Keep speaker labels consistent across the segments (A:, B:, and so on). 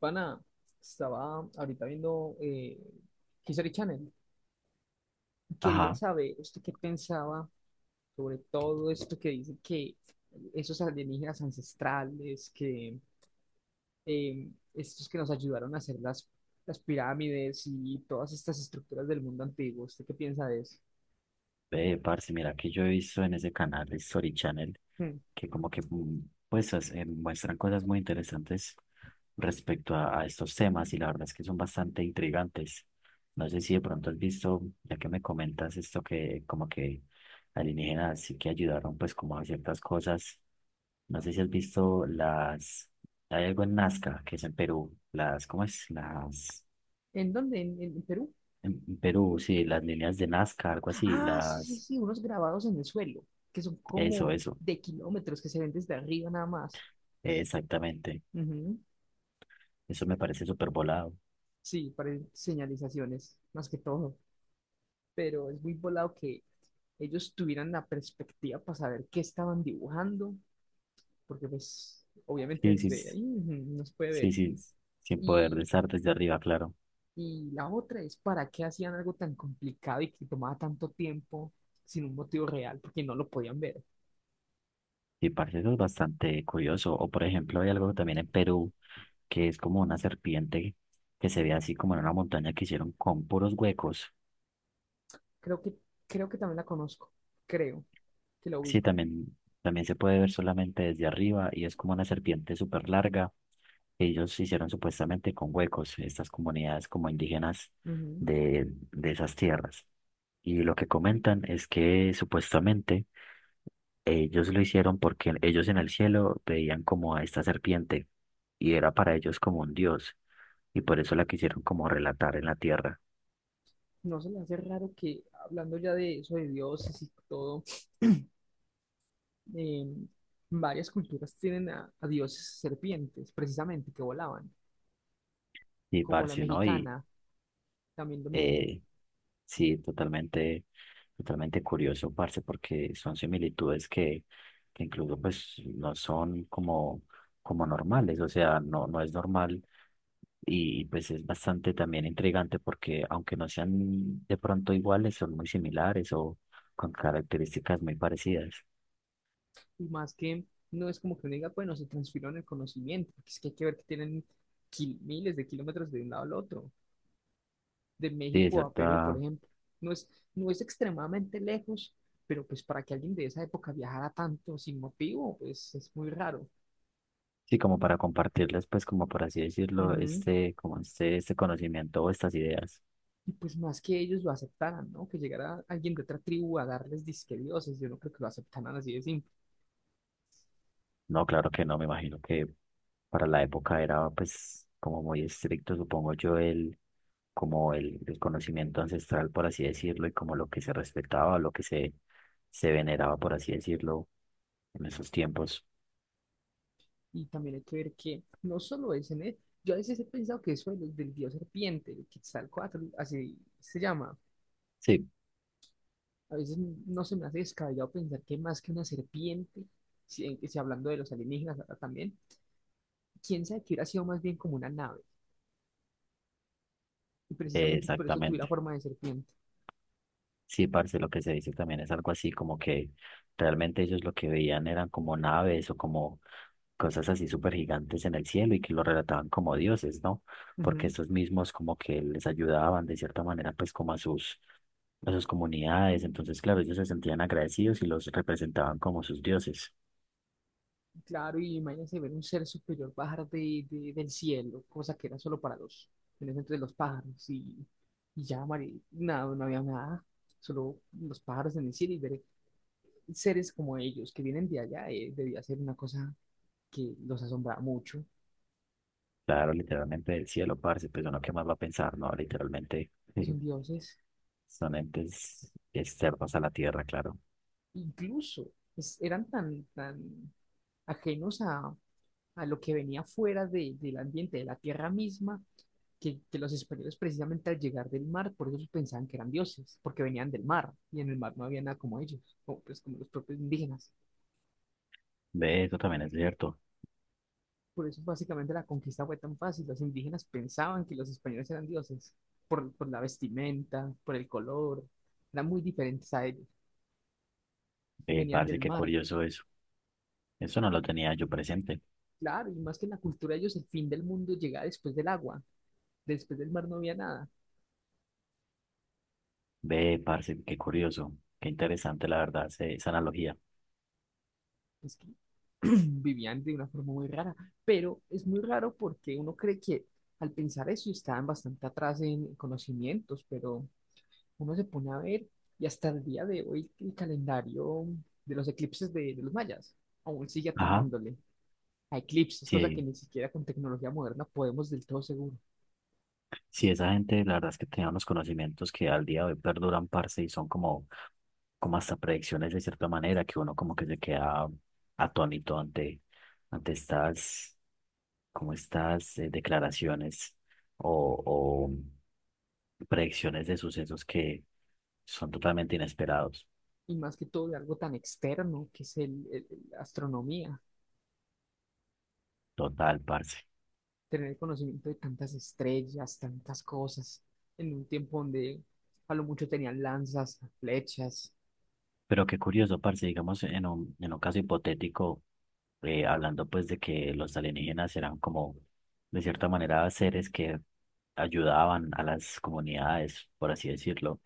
A: Pana, estaba ahorita viendo History Channel. Quería
B: Ajá,
A: saber usted qué pensaba sobre todo esto que dice que esos alienígenas ancestrales, que estos que nos ayudaron a hacer las pirámides y todas estas estructuras del mundo antiguo. ¿Usted qué piensa de eso?
B: ve, parce, mira que yo he visto en ese canal, Story Channel,
A: Hmm.
B: que como que pues muestran cosas muy interesantes respecto a estos temas y la verdad es que son bastante intrigantes. No sé si de pronto has visto, ya que me comentas esto que como que alienígenas sí que ayudaron pues como a ciertas cosas. No sé si has visto las, hay algo en Nazca, que es en Perú, las, ¿cómo es? Las,
A: ¿En dónde? ¿En Perú?
B: en Perú, sí, las líneas de Nazca, algo así,
A: Ah, sí, sí,
B: las,
A: sí, unos grabados en el suelo, que son
B: eso,
A: como
B: eso.
A: de kilómetros que se ven desde arriba nada más.
B: Exactamente. Eso me parece súper volado.
A: Sí, para señalizaciones, más que todo. Pero es muy volado que ellos tuvieran la perspectiva para saber qué estaban dibujando, porque pues obviamente
B: Sí, sí,
A: desde
B: s-
A: ahí no se puede
B: sí,
A: ver.
B: sí. s- Sin poder
A: Y,
B: estar desde arriba, claro.
A: y la otra es para qué hacían algo tan complicado y que tomaba tanto tiempo sin un motivo real, porque no lo podían ver.
B: Y parece eso es bastante curioso. O por ejemplo, hay algo también en Perú que es como una serpiente que se ve así como en una montaña que hicieron con puros huecos.
A: Creo que, creo que también la conozco, creo que la
B: Sí,
A: ubico.
B: también, también se puede ver solamente desde arriba y es como una serpiente súper larga, que ellos hicieron supuestamente con huecos. Estas comunidades como indígenas
A: Ujú.
B: de esas tierras. Y lo que comentan es que supuestamente ellos lo hicieron porque ellos en el cielo veían como a esta serpiente y era para ellos como un dios y por eso la quisieron como relatar en la tierra.
A: No se le hace raro que hablando ya de eso, de dioses y todo. eh, varias culturas tienen a dioses serpientes, precisamente, que volaban,
B: Y
A: como la
B: parce, ¿no? Y
A: mexicana, también lo mismo.
B: Eh, sí, totalmente, totalmente curioso, parce, porque son similitudes que incluso pues no son como, como normales, o sea, no es normal y pues es bastante también intrigante porque aunque no sean de pronto iguales, son muy similares o con características muy parecidas.
A: Y más que no es como que uno diga, bueno, se transfirieron el conocimiento, porque es que hay que ver que tienen miles de kilómetros de un lado al otro, de
B: Sí, de
A: México a Perú, por
B: cierta,
A: ejemplo. No es, no es extremadamente lejos, pero pues para que alguien de esa época viajara tanto sin motivo, pues es muy raro.
B: sí, como para compartirles pues como por así decirlo,
A: Ujú.
B: este, como este conocimiento o estas ideas.
A: Y pues más que ellos lo aceptaran, ¿no? Que llegara alguien de otra tribu a darles disque dioses, yo no creo que lo aceptaran así de simple.
B: No, claro que no, me imagino que para la época era pues como muy estricto, supongo yo, como el conocimiento ancestral, por así decirlo, y como lo que se respetaba, se veneraba, por así decirlo, en esos tiempos.
A: Y también hay que ver que no solo es en él, yo a veces he pensado que eso del dios serpiente, el Quetzalcóatl, así se llama,
B: Sí,
A: a veces no se me hace descabellado pensar que más que una serpiente, si hablando de los alienígenas ahora también, quién sabe que hubiera sido más bien como una nave, y precisamente por eso tuviera
B: exactamente.
A: forma de serpiente.
B: Sí, parce, lo que se dice también es algo así como que realmente ellos lo que veían eran como naves o como cosas así súper gigantes en el cielo y que lo relataban como dioses, ¿no? Porque
A: Ujú.
B: estos mismos como que les ayudaban de cierta manera pues como a a sus comunidades, entonces claro, ellos se sentían agradecidos y los representaban como sus dioses.
A: Claro, y imagínense ver un ser superior bajar del cielo, cosa que era solo para los, en ese entonces los pájaros, y ya, Mari, nada, no había nada, solo los pájaros en el cielo y ver seres como ellos que vienen de allá, debía ser una cosa que los asombraba mucho,
B: Claro, literalmente del cielo, parce, pues uno qué más va a pensar, ¿no? Literalmente
A: son
B: sí,
A: dioses,
B: son entes externos a la tierra, claro.
A: incluso eran tan, tan ajenos a lo que venía fuera del ambiente, de la tierra misma, que los españoles precisamente al llegar del mar, por eso pensaban que eran dioses, porque venían del mar, y en el mar no había nada como ellos, como, pues, como los propios indígenas.
B: Ve, eso también es cierto.
A: Por eso básicamente la conquista fue tan fácil, los indígenas pensaban que los españoles eran dioses, por la vestimenta, por el color, eran muy diferentes a ellos, y
B: Ve
A: venían
B: parce,
A: del
B: qué
A: mar.
B: curioso eso. Eso no lo tenía yo presente.
A: Claro, y más que en la cultura de ellos, el fin del mundo llegaba después del agua, después del mar no había nada.
B: Ve, parce, qué curioso, qué interesante, la verdad, esa analogía.
A: Es que vivían de una forma muy rara, pero es muy raro porque uno cree que al pensar eso estaban bastante atrás en conocimientos, pero uno se pone a ver y hasta el día de hoy el calendario de los eclipses de los mayas aún sigue
B: Ajá,
A: atinándole a eclipses, cosa que
B: sí,
A: ni siquiera con tecnología moderna podemos del todo seguro.
B: sí, esa gente, la verdad es que tenía unos conocimientos que al día de hoy perduran, parce, y son como, como hasta predicciones de cierta manera, que uno como que se queda atónito ante estas, como estas declaraciones o predicciones de sucesos que son totalmente inesperados.
A: Y más que todo de algo tan externo que es la astronomía.
B: Total, parce.
A: Tener conocimiento de tantas estrellas, tantas cosas, en un tiempo donde a lo mucho tenían lanzas, flechas.
B: Pero qué curioso, parce, digamos, en en un caso hipotético, hablando pues de que los alienígenas eran como, de cierta manera, seres que ayudaban a las comunidades, por así decirlo.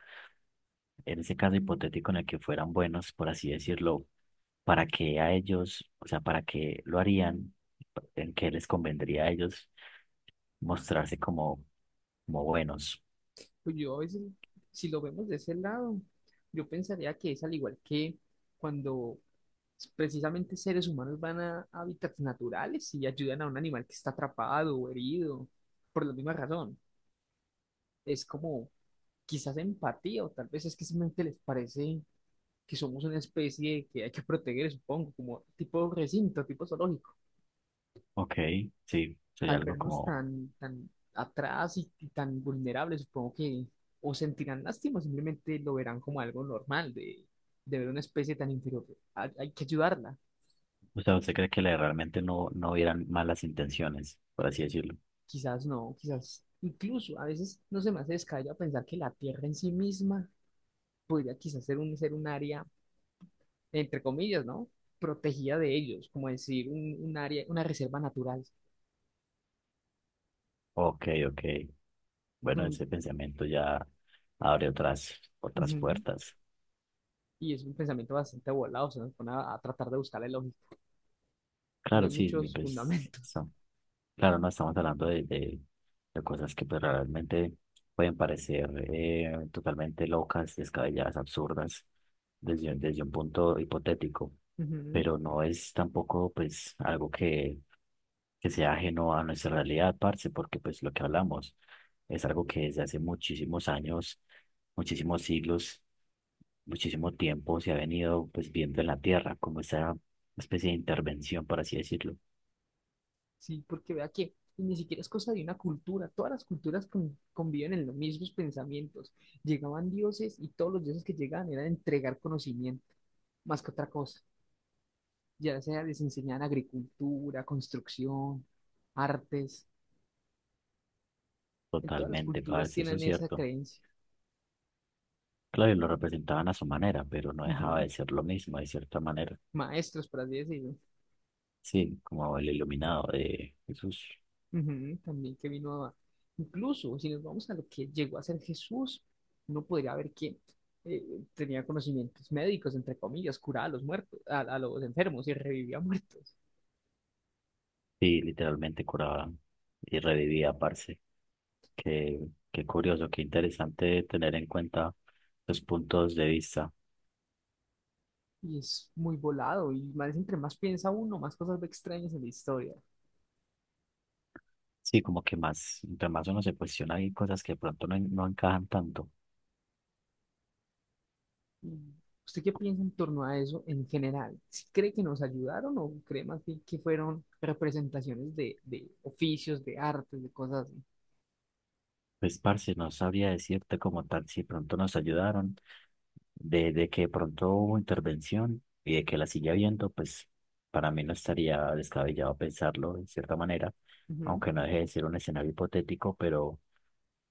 B: En ese caso hipotético en el que fueran buenos, por así decirlo, ¿para qué a ellos, o sea, para qué lo harían? ¿En qué les convendría a ellos mostrarse como, como buenos?
A: Pues yo a veces, si lo vemos de ese lado, yo pensaría que es al igual que cuando precisamente seres humanos van a hábitats naturales y ayudan a un animal que está atrapado o herido, por la misma razón. Es como quizás empatía o tal vez es que simplemente les parece que somos una especie que hay que proteger, supongo, como tipo recinto, tipo zoológico.
B: Ok, sí, sería
A: Al
B: algo
A: vernos
B: como.
A: tan, tan atrás y, tan vulnerables, supongo que o sentirán lástima o simplemente lo verán como algo normal de ver una especie tan inferior. Hay que ayudarla.
B: O sea, ¿usted cree que realmente no hubieran malas intenciones, por así decirlo?
A: Quizás no, quizás incluso a veces no se me hace descabellado pensar que la Tierra en sí misma podría quizás ser un área, entre comillas, ¿no? Protegida de ellos, como decir, un área, una reserva natural.
B: Ok, ok. Bueno,
A: Un-
B: ese pensamiento ya abre otras
A: Ujú.
B: puertas.
A: Y es un pensamiento bastante volado, se nos pone a tratar de buscarle lógica. No
B: Claro,
A: hay
B: sí, y
A: muchos
B: pues,
A: fundamentos.
B: son- Claro, no estamos hablando de cosas que pues, realmente pueden parecer totalmente locas, descabelladas, absurdas, desde un punto hipotético,
A: Ujú.
B: pero no es tampoco pues algo que sea ajeno a nuestra realidad, parce, porque pues lo que hablamos es algo que desde hace muchísimos años, muchísimos siglos, muchísimo tiempo se ha venido pues viendo en la Tierra como esa especie de intervención, por así decirlo.
A: Sí, porque vea que ni siquiera es cosa de una cultura, todas las culturas conviven en los mismos pensamientos. Llegaban dioses y todos los dioses que llegaban eran entregar conocimiento, más que otra cosa, ya sea les enseñaban agricultura, construcción, artes, en todas las
B: Totalmente,
A: culturas
B: parce, eso
A: tienen
B: es
A: esa
B: cierto.
A: creencia.
B: Claro, y lo representaban a su manera, pero no dejaba
A: Ujú.
B: de ser lo mismo, de cierta manera.
A: Maestros, por así decirlo.
B: Sí, como el iluminado de Jesús.
A: Ujú, también que vino a. Incluso si nos vamos a lo que llegó a ser Jesús, uno podría ver que tenía conocimientos médicos, entre comillas, curaba a los muertos, a los enfermos y revivía muertos.
B: Sí, literalmente curaba y revivía, parce. Qué, qué curioso, qué interesante tener en cuenta los puntos de vista.
A: Y es muy volado y más, entre más piensa uno, más cosas ve extrañas en la historia.
B: Sí, como que más, entre más uno se cuestiona, hay cosas que de pronto no encajan tanto.
A: Y, ¿usted qué piensa en torno a eso en general? ¿Sí cree que nos ayudaron o cree más bien que fueron representaciones de oficios, de artes, de cosas
B: Pues, parce, no sabría decirte como tal si pronto nos ayudaron, de que pronto hubo intervención y de que la sigue habiendo, pues para mí no estaría descabellado pensarlo de cierta manera,
A: así?
B: aunque no deje de ser un escenario hipotético, pero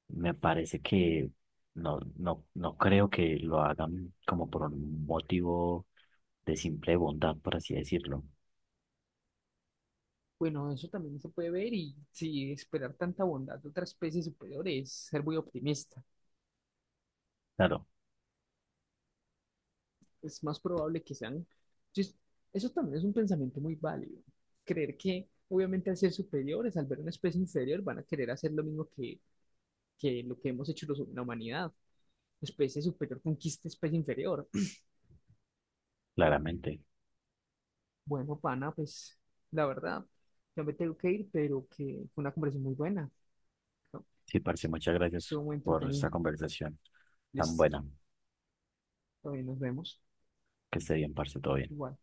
B: me parece que no creo que lo hagan como por un motivo de simple bondad, por así decirlo.
A: Bueno, eso también se puede ver y si esperar tanta bondad de otra especie superior es ser muy optimista.
B: Claro,
A: Es más probable que sean. Entonces, eso también es un pensamiento muy válido. Creer que obviamente al ser superiores, al ver una especie inferior, van a querer hacer lo mismo que lo que hemos hecho la humanidad. Especie superior conquista especie inferior.
B: claramente.
A: Bueno, pana, pues la verdad, ya me tengo que ir, pero que fue una conversación muy buena. ¿No?
B: Sí, parce, muchas gracias
A: Estuvo muy
B: por esta
A: entretenida.
B: conversación tan
A: Listo,
B: buena.
A: todavía nos vemos.
B: Que esté bien, parce, todo bien.
A: Igual.